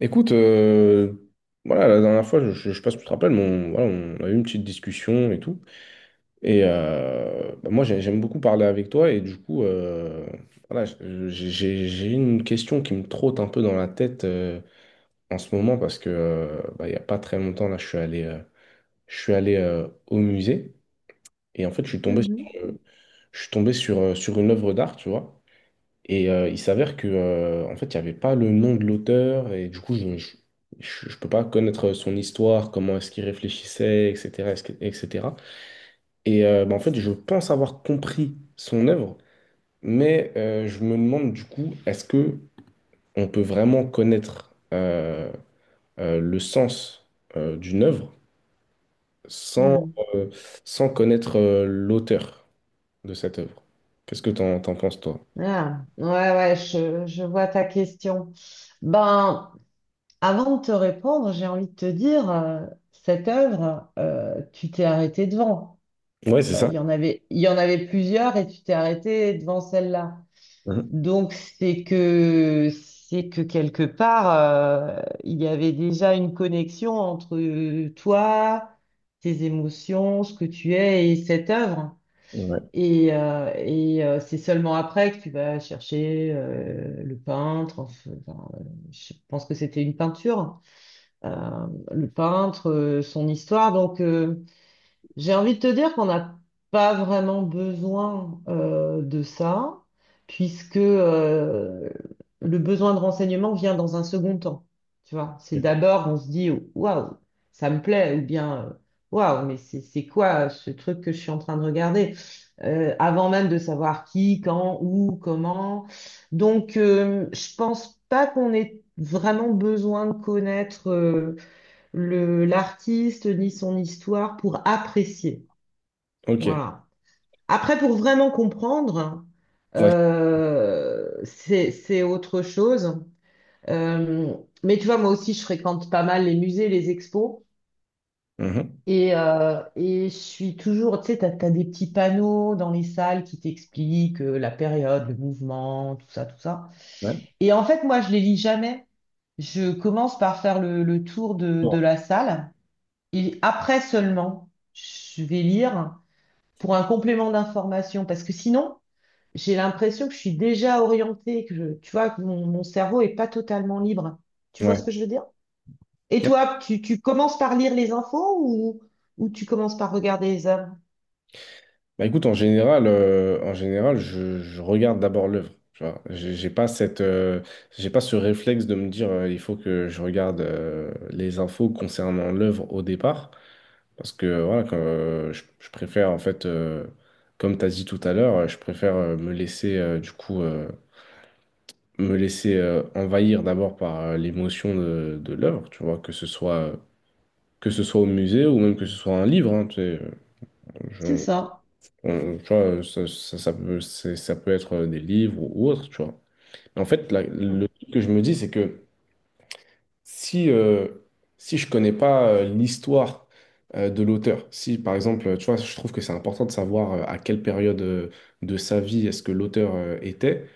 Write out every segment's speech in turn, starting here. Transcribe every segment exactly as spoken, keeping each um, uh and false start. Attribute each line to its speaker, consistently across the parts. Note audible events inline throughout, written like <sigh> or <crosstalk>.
Speaker 1: Écoute, euh, voilà, la dernière fois, je, je, je sais pas si tu te rappelles, mais on, voilà, on a eu une petite discussion et tout. Et euh, bah, moi, j'ai- j'aime beaucoup parler avec toi. Et du coup, euh, voilà, je- j'ai j'ai- j'ai une question qui me trotte un peu dans la tête euh, en ce moment parce que euh, bah, il n'y a pas très longtemps, là, je suis allé, euh, je suis allé euh, au musée. Et en fait, je suis tombé sur,
Speaker 2: Mhm.
Speaker 1: euh, je suis tombé sur, euh, sur une œuvre d'art, tu vois. Et euh, il s'avère que, euh, en fait, il n'y avait pas le nom de l'auteur, et du coup, je ne peux pas connaître son histoire, comment est-ce qu'il réfléchissait, et cetera, est-ce que- et cetera. Et euh, bah, en fait, je pense avoir compris son œuvre, mais euh, je me demande du coup, est-ce que on peut vraiment connaître euh, euh, le sens euh, d'une œuvre sans,
Speaker 2: Hmm.
Speaker 1: euh, sans connaître euh, l'auteur de cette œuvre? Qu'est-ce que t'en, t'en penses, toi?
Speaker 2: Ah, ouais, ouais, je, je vois ta question. Ben, avant de te répondre, j'ai envie de te dire, euh, cette œuvre, euh, tu t'es arrêté devant.
Speaker 1: Ouais, c'est
Speaker 2: Euh,
Speaker 1: ça.
Speaker 2: Il y en avait, il y en avait plusieurs et tu t'es arrêté devant celle-là.
Speaker 1: Mhm.
Speaker 2: Donc, c'est que, c'est que quelque part, euh, il y avait déjà une connexion entre euh, toi, tes émotions, ce que tu es et cette œuvre.
Speaker 1: Ouais.
Speaker 2: Et, euh, et euh, c'est seulement après que tu vas chercher euh, le peintre. enfin, enfin, euh, je pense que c'était une peinture, hein. Euh, le peintre, euh, son histoire. Donc, euh, j'ai envie de te dire qu'on n'a pas vraiment besoin euh, de ça, puisque euh, le besoin de renseignement vient dans un second temps. Tu vois, c'est d'abord on se dit waouh, ça me plaît, ou bien euh, waouh, mais c'est c'est quoi ce truc que je suis en train de regarder, Euh, avant même de savoir qui, quand, où, comment. Donc, euh, je pense pas qu'on ait vraiment besoin de connaître euh, le, l'artiste ni son histoire pour apprécier.
Speaker 1: Ok.
Speaker 2: Voilà. Après, pour vraiment comprendre,
Speaker 1: Ouais.
Speaker 2: euh, c'est, c'est autre chose. Euh, mais tu vois, moi aussi, je fréquente pas mal les musées, les expos.
Speaker 1: Mhm.
Speaker 2: Et, euh, et je suis toujours, tu sais, t'as, t'as des petits panneaux dans les salles qui t'expliquent euh, la période, le mouvement, tout ça, tout ça.
Speaker 1: Ouais.
Speaker 2: Et en fait, moi, je les lis jamais. Je commence par faire le, le tour de, de
Speaker 1: Ouais.
Speaker 2: la salle. Et après seulement, je vais lire pour un complément d'information, parce que sinon, j'ai l'impression que je suis déjà orientée, que je- tu vois, que mon, mon cerveau est pas totalement libre. Tu vois
Speaker 1: Ouais.
Speaker 2: ce que je veux dire? Et toi, tu, tu commences par lire les infos ou, ou tu commences par regarder les œuvres?
Speaker 1: Bah écoute, en général, euh, en général, je, je regarde d'abord l'œuvre. Tu vois, j'ai j'ai pas cette, euh, j'ai pas ce réflexe de me dire, euh, il faut que je regarde euh, les infos concernant l'œuvre au départ, parce que voilà, quand, euh, je, je préfère en fait, euh, comme tu as dit tout à l'heure, euh, je préfère euh, me laisser euh, du coup euh, me laisser euh, envahir d'abord par euh, l'émotion de, de l'œuvre, tu vois, que ce soit que ce soit au musée ou même que ce soit un livre, hein, tu sais, euh,
Speaker 2: C'est
Speaker 1: je-
Speaker 2: ça.
Speaker 1: On- tu vois, ça, ça, ça peut, c'est- ça peut être euh, des livres ou autre, tu vois. En fait, la- le truc que je me dis, c'est que si, euh, si je connais pas euh, l'histoire euh, de l'auteur, si par exemple, tu vois, je trouve que c'est important de savoir euh, à quelle période euh, de sa vie est-ce que l'auteur euh, était,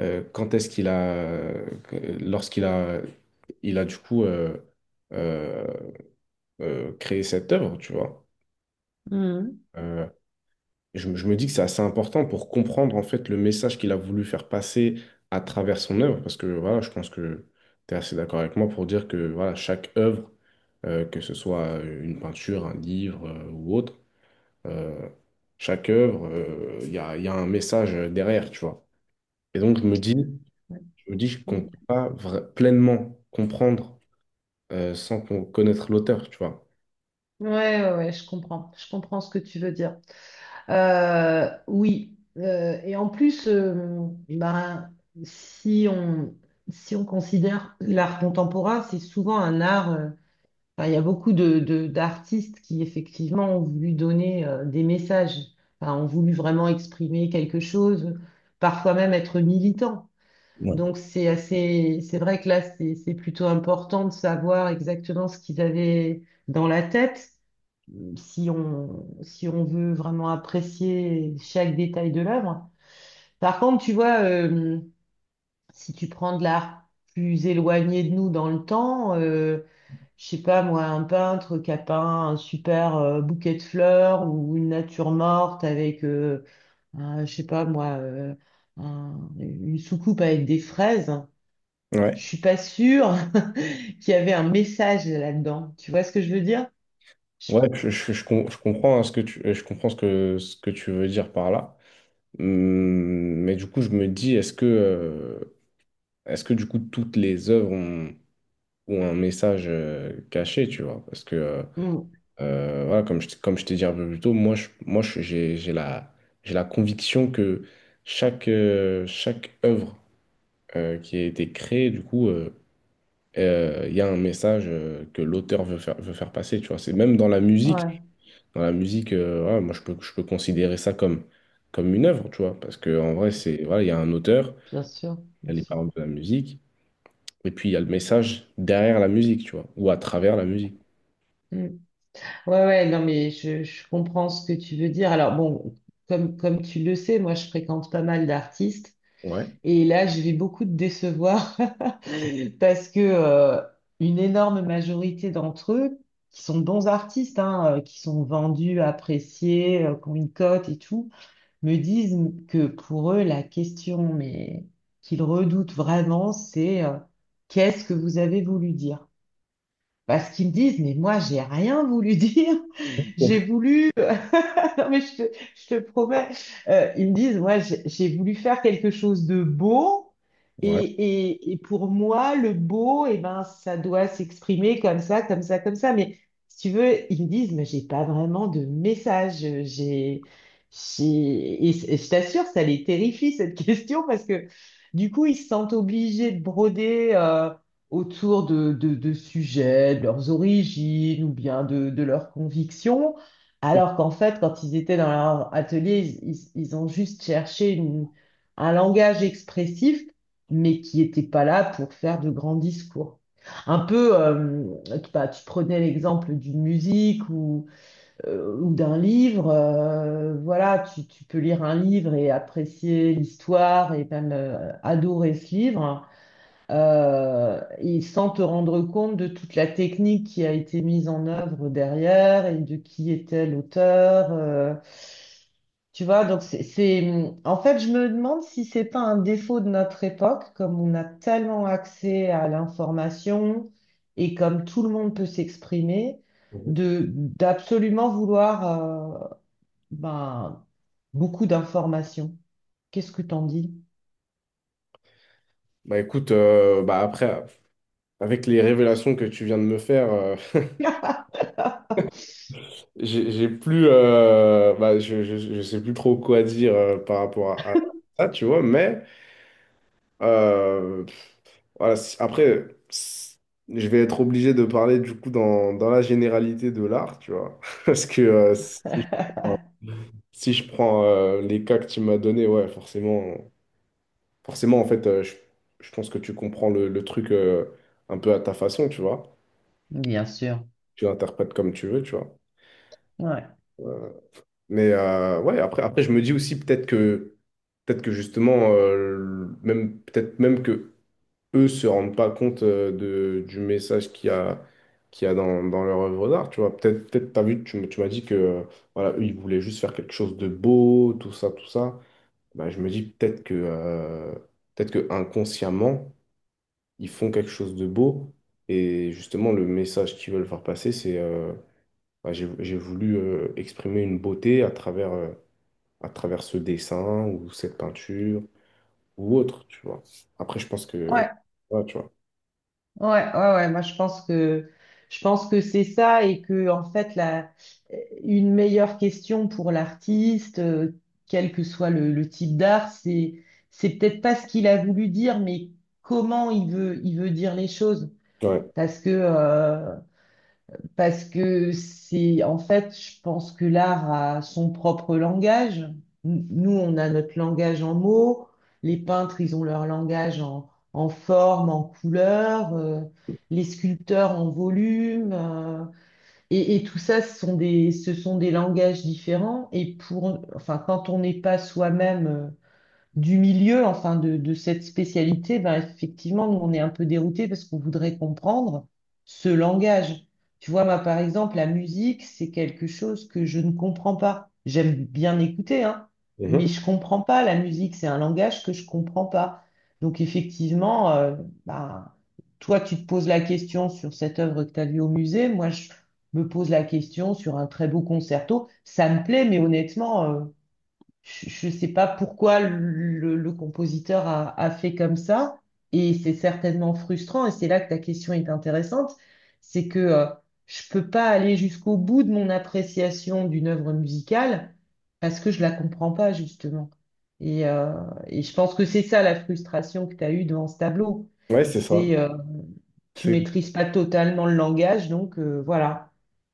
Speaker 1: euh, quand est-ce qu'il a, euh, lorsqu'il a, il a du coup euh, euh, euh, créé cette œuvre, tu vois.
Speaker 2: Mhm.
Speaker 1: Euh, Et Je, me je me dis que c'est assez important pour comprendre en fait le message qu'il a voulu faire passer à travers son œuvre, parce que voilà, je pense que tu es assez d'accord avec moi pour dire que voilà, chaque œuvre, euh, que ce soit euh, une peinture, un livre euh, ou autre, euh, chaque œuvre, euh, il y a, il y a un message euh, derrière, tu vois. Et donc je me dis, je me dis qu'on ne peut
Speaker 2: Mhm.
Speaker 1: pas vra- pleinement comprendre euh, sans qu'on connaître l'auteur, tu vois.
Speaker 2: Ouais, ouais, ouais, je comprends. Je comprends ce que tu veux dire. Euh, oui. Euh, et en plus, euh, ben, si on, si on considère l'art contemporain, c'est souvent un art. Euh, enfin, il y a beaucoup de, de- d'artistes qui, effectivement, ont voulu donner euh, des messages. Enfin, ont voulu vraiment exprimer quelque chose, parfois même être militants. Donc, c'est assez, c'est vrai que là, c'est c'est plutôt important de savoir exactement ce qu'ils avaient dans la tête si on, si on veut vraiment apprécier chaque détail de l'œuvre. Par contre, tu vois, euh, si tu prends de l'art plus éloigné de nous dans le temps, euh, je sais pas moi, un peintre qui a peint un super euh, bouquet de fleurs ou une nature morte avec, euh, un- je sais pas moi, euh, un- une soucoupe avec des fraises, je
Speaker 1: Ouais,
Speaker 2: suis pas sûre <laughs> qu'il y avait un message là-dedans. Tu vois ce que je veux dire? Je-
Speaker 1: ouais, je, je- je com- je comprends hein, ce que tu, je comprends ce que, ce que tu veux dire par là. Hum, Mais du coup, je me dis, est-ce que, euh, est-ce que du coup, toutes les œuvres ont, ont un message euh, caché, tu vois? Parce que, euh,
Speaker 2: Mm.
Speaker 1: euh, voilà, comme je, t- comme je t'ai dit un peu plus tôt, moi, je, moi, je- j'ai, j'ai la, j'ai la conviction que chaque, euh, chaque œuvre euh, qui a été créée, du coup, euh, euh, il y a un message euh, que l'auteur veut faire, veut faire passer, tu vois? C'est même dans la musique.
Speaker 2: Ouais,
Speaker 1: Dans la musique, euh, voilà, moi, je peux, je peux considérer ça comme, comme une œuvre, tu vois? Parce que, en vrai, c'est, voilà, il y a un auteur.
Speaker 2: bien sûr, bien
Speaker 1: Elle est
Speaker 2: sûr.
Speaker 1: par exemple de la musique. Et puis, il y a le message derrière la musique, tu vois, ou à travers la musique.
Speaker 2: Mm. Ouais, ouais, non, mais je, je comprends ce que tu veux dire. Alors, bon, comme, comme tu le sais, moi, je fréquente pas mal d'artistes
Speaker 1: Ouais.
Speaker 2: et là, je vais beaucoup te décevoir <laughs> parce que euh, une énorme majorité d'entre eux, qui sont de bons artistes, hein, euh, qui sont vendus, appréciés, euh, qui ont une cote et tout, me disent que pour eux, la question, mais qu'ils redoutent vraiment, c'est euh, qu'est-ce que vous avez voulu dire? Parce qu'ils me disent, mais moi, j'ai rien voulu dire. <laughs> J'ai voulu. <laughs> Non, mais je te, je te promets. Euh, ils me disent, moi, j'ai j'ai voulu faire quelque chose de beau.
Speaker 1: Ouais.
Speaker 2: Et, et, et pour moi, le beau, eh ben, ça doit s'exprimer comme ça, comme ça, comme ça. Mais si tu veux, ils me disent, mais j'ai pas vraiment de message. J'ai, j'ai... Et c- et je t'assure, ça les terrifie, cette <laughs> question, parce que du coup, ils se sentent obligés de broder euh, autour de, de, de sujets, de leurs origines ou bien de, de leurs convictions, alors qu'en fait, quand ils étaient dans leur atelier, ils, ils- ils ont juste cherché une- un langage expressif, mais qui n'était pas là pour faire de grands discours. Un peu, euh, bah, tu prenais l'exemple d'une musique ou, euh, ou d'un livre, euh, voilà, tu, tu peux lire un livre et apprécier l'histoire et même euh, adorer ce livre euh, et sans te rendre compte de toute la technique qui a été mise en œuvre derrière et de qui était l'auteur. Euh, tu vois, donc c'est, c'est- en fait, je me demande si c'est pas un défaut de notre époque, comme on a tellement accès à l'information et comme tout le monde peut s'exprimer,
Speaker 1: <laughs>
Speaker 2: de d'absolument vouloir euh, ben, beaucoup d'informations. Qu'est-ce que t'en dis?
Speaker 1: Bah écoute, euh, bah après, avec les révélations que tu viens de me faire, euh, <laughs> j'ai j'ai plus, euh, bah, je, je, je sais plus trop quoi dire euh, par rapport à, à ça, tu vois, mais euh, voilà, si- après, si- je vais être obligé de parler du coup dans, dans la généralité de l'art, tu vois, <laughs> parce que euh, si- Si je prends euh, les cas que tu m'as donné, ouais, forcément, forcément, en fait, euh, je, je pense que tu comprends le, le truc euh, un peu à ta façon, tu vois.
Speaker 2: Bien sûr.
Speaker 1: Tu l'interprètes comme tu veux, tu vois.
Speaker 2: Ouais.
Speaker 1: Euh, Mais euh, ouais, après, après, je me dis aussi peut-être que, peut-être que justement, euh, même, peut-être même que eux se rendent pas compte euh, de, du message qu'il y a, qu'il y a dans, dans leur œuvre d'art, tu vois. Peut-être, peut-être, t'as vu, tu, m- tu m'as dit que, euh, voilà, eux, ils voulaient juste faire quelque chose de beau, tout ça, tout ça. Bah, je me dis peut-être que, euh, peut-être que inconsciemment, ils font quelque chose de beau. Et justement, le message qu'ils veulent faire passer, c'est euh, bah, j'ai, j'ai voulu euh, exprimer une beauté à travers, euh, à travers ce dessin ou cette peinture ou autre, tu vois. Après, je pense que.
Speaker 2: Ouais.
Speaker 1: Ouais, tu vois.
Speaker 2: Ouais, ouais, ouais, moi je pense que je pense que c'est ça et que en fait la une meilleure question pour l'artiste, euh, quel que soit le, le type d'art, c'est c'est peut-être pas ce qu'il a voulu dire, mais comment il veut il veut dire les choses.
Speaker 1: Ouais.
Speaker 2: Parce que euh, parce que c'est, en fait, je pense que l'art a son propre langage. N- Nous, on a notre langage en mots. Les peintres, ils ont leur langage en, en forme, en couleur. Euh, les sculpteurs en volume. euh, et, et tout ça, ce sont des, ce sont des langages différents. Et pour, enfin, quand on n'est pas soi-même euh, du milieu, enfin de, de cette spécialité, ben effectivement, nous, on est un peu dérouté parce qu'on voudrait comprendre ce langage. Tu vois, moi, par exemple, la musique, c'est quelque chose que je ne comprends pas. J'aime bien écouter, hein,
Speaker 1: Mhm.
Speaker 2: mais je comprends pas la musique. C'est un langage que je comprends pas. Donc, effectivement, euh, ben, toi, tu te poses la question sur cette œuvre que tu as vue au musée. Moi, je me pose la question sur un très beau concerto. Ça me plaît, mais honnêtement, euh, je ne sais pas pourquoi le, le compositeur a, a fait comme ça, et c'est certainement frustrant, et c'est là que ta question est intéressante, c'est que euh, je ne peux pas aller jusqu'au bout de mon appréciation d'une œuvre musicale parce que je la comprends pas, justement. Et, euh, et je pense que c'est ça la frustration que tu as eue devant ce tableau.
Speaker 1: Ouais, c'est ça.
Speaker 2: C'est euh, tu
Speaker 1: C'est
Speaker 2: maîtrises pas totalement le langage, donc euh, voilà.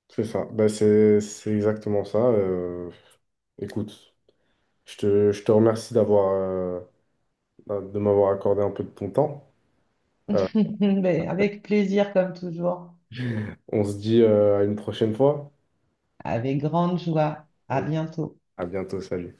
Speaker 1: c'est ça. Bah, c'est c'est exactement ça. Euh, écoute, je te, je te remercie d'avoir, euh, de m'avoir accordé un peu de ton temps.
Speaker 2: <laughs> Mais avec plaisir, comme toujours.
Speaker 1: On se dit euh, à une prochaine fois.
Speaker 2: Avec grande joie. À bientôt.
Speaker 1: À bientôt, salut.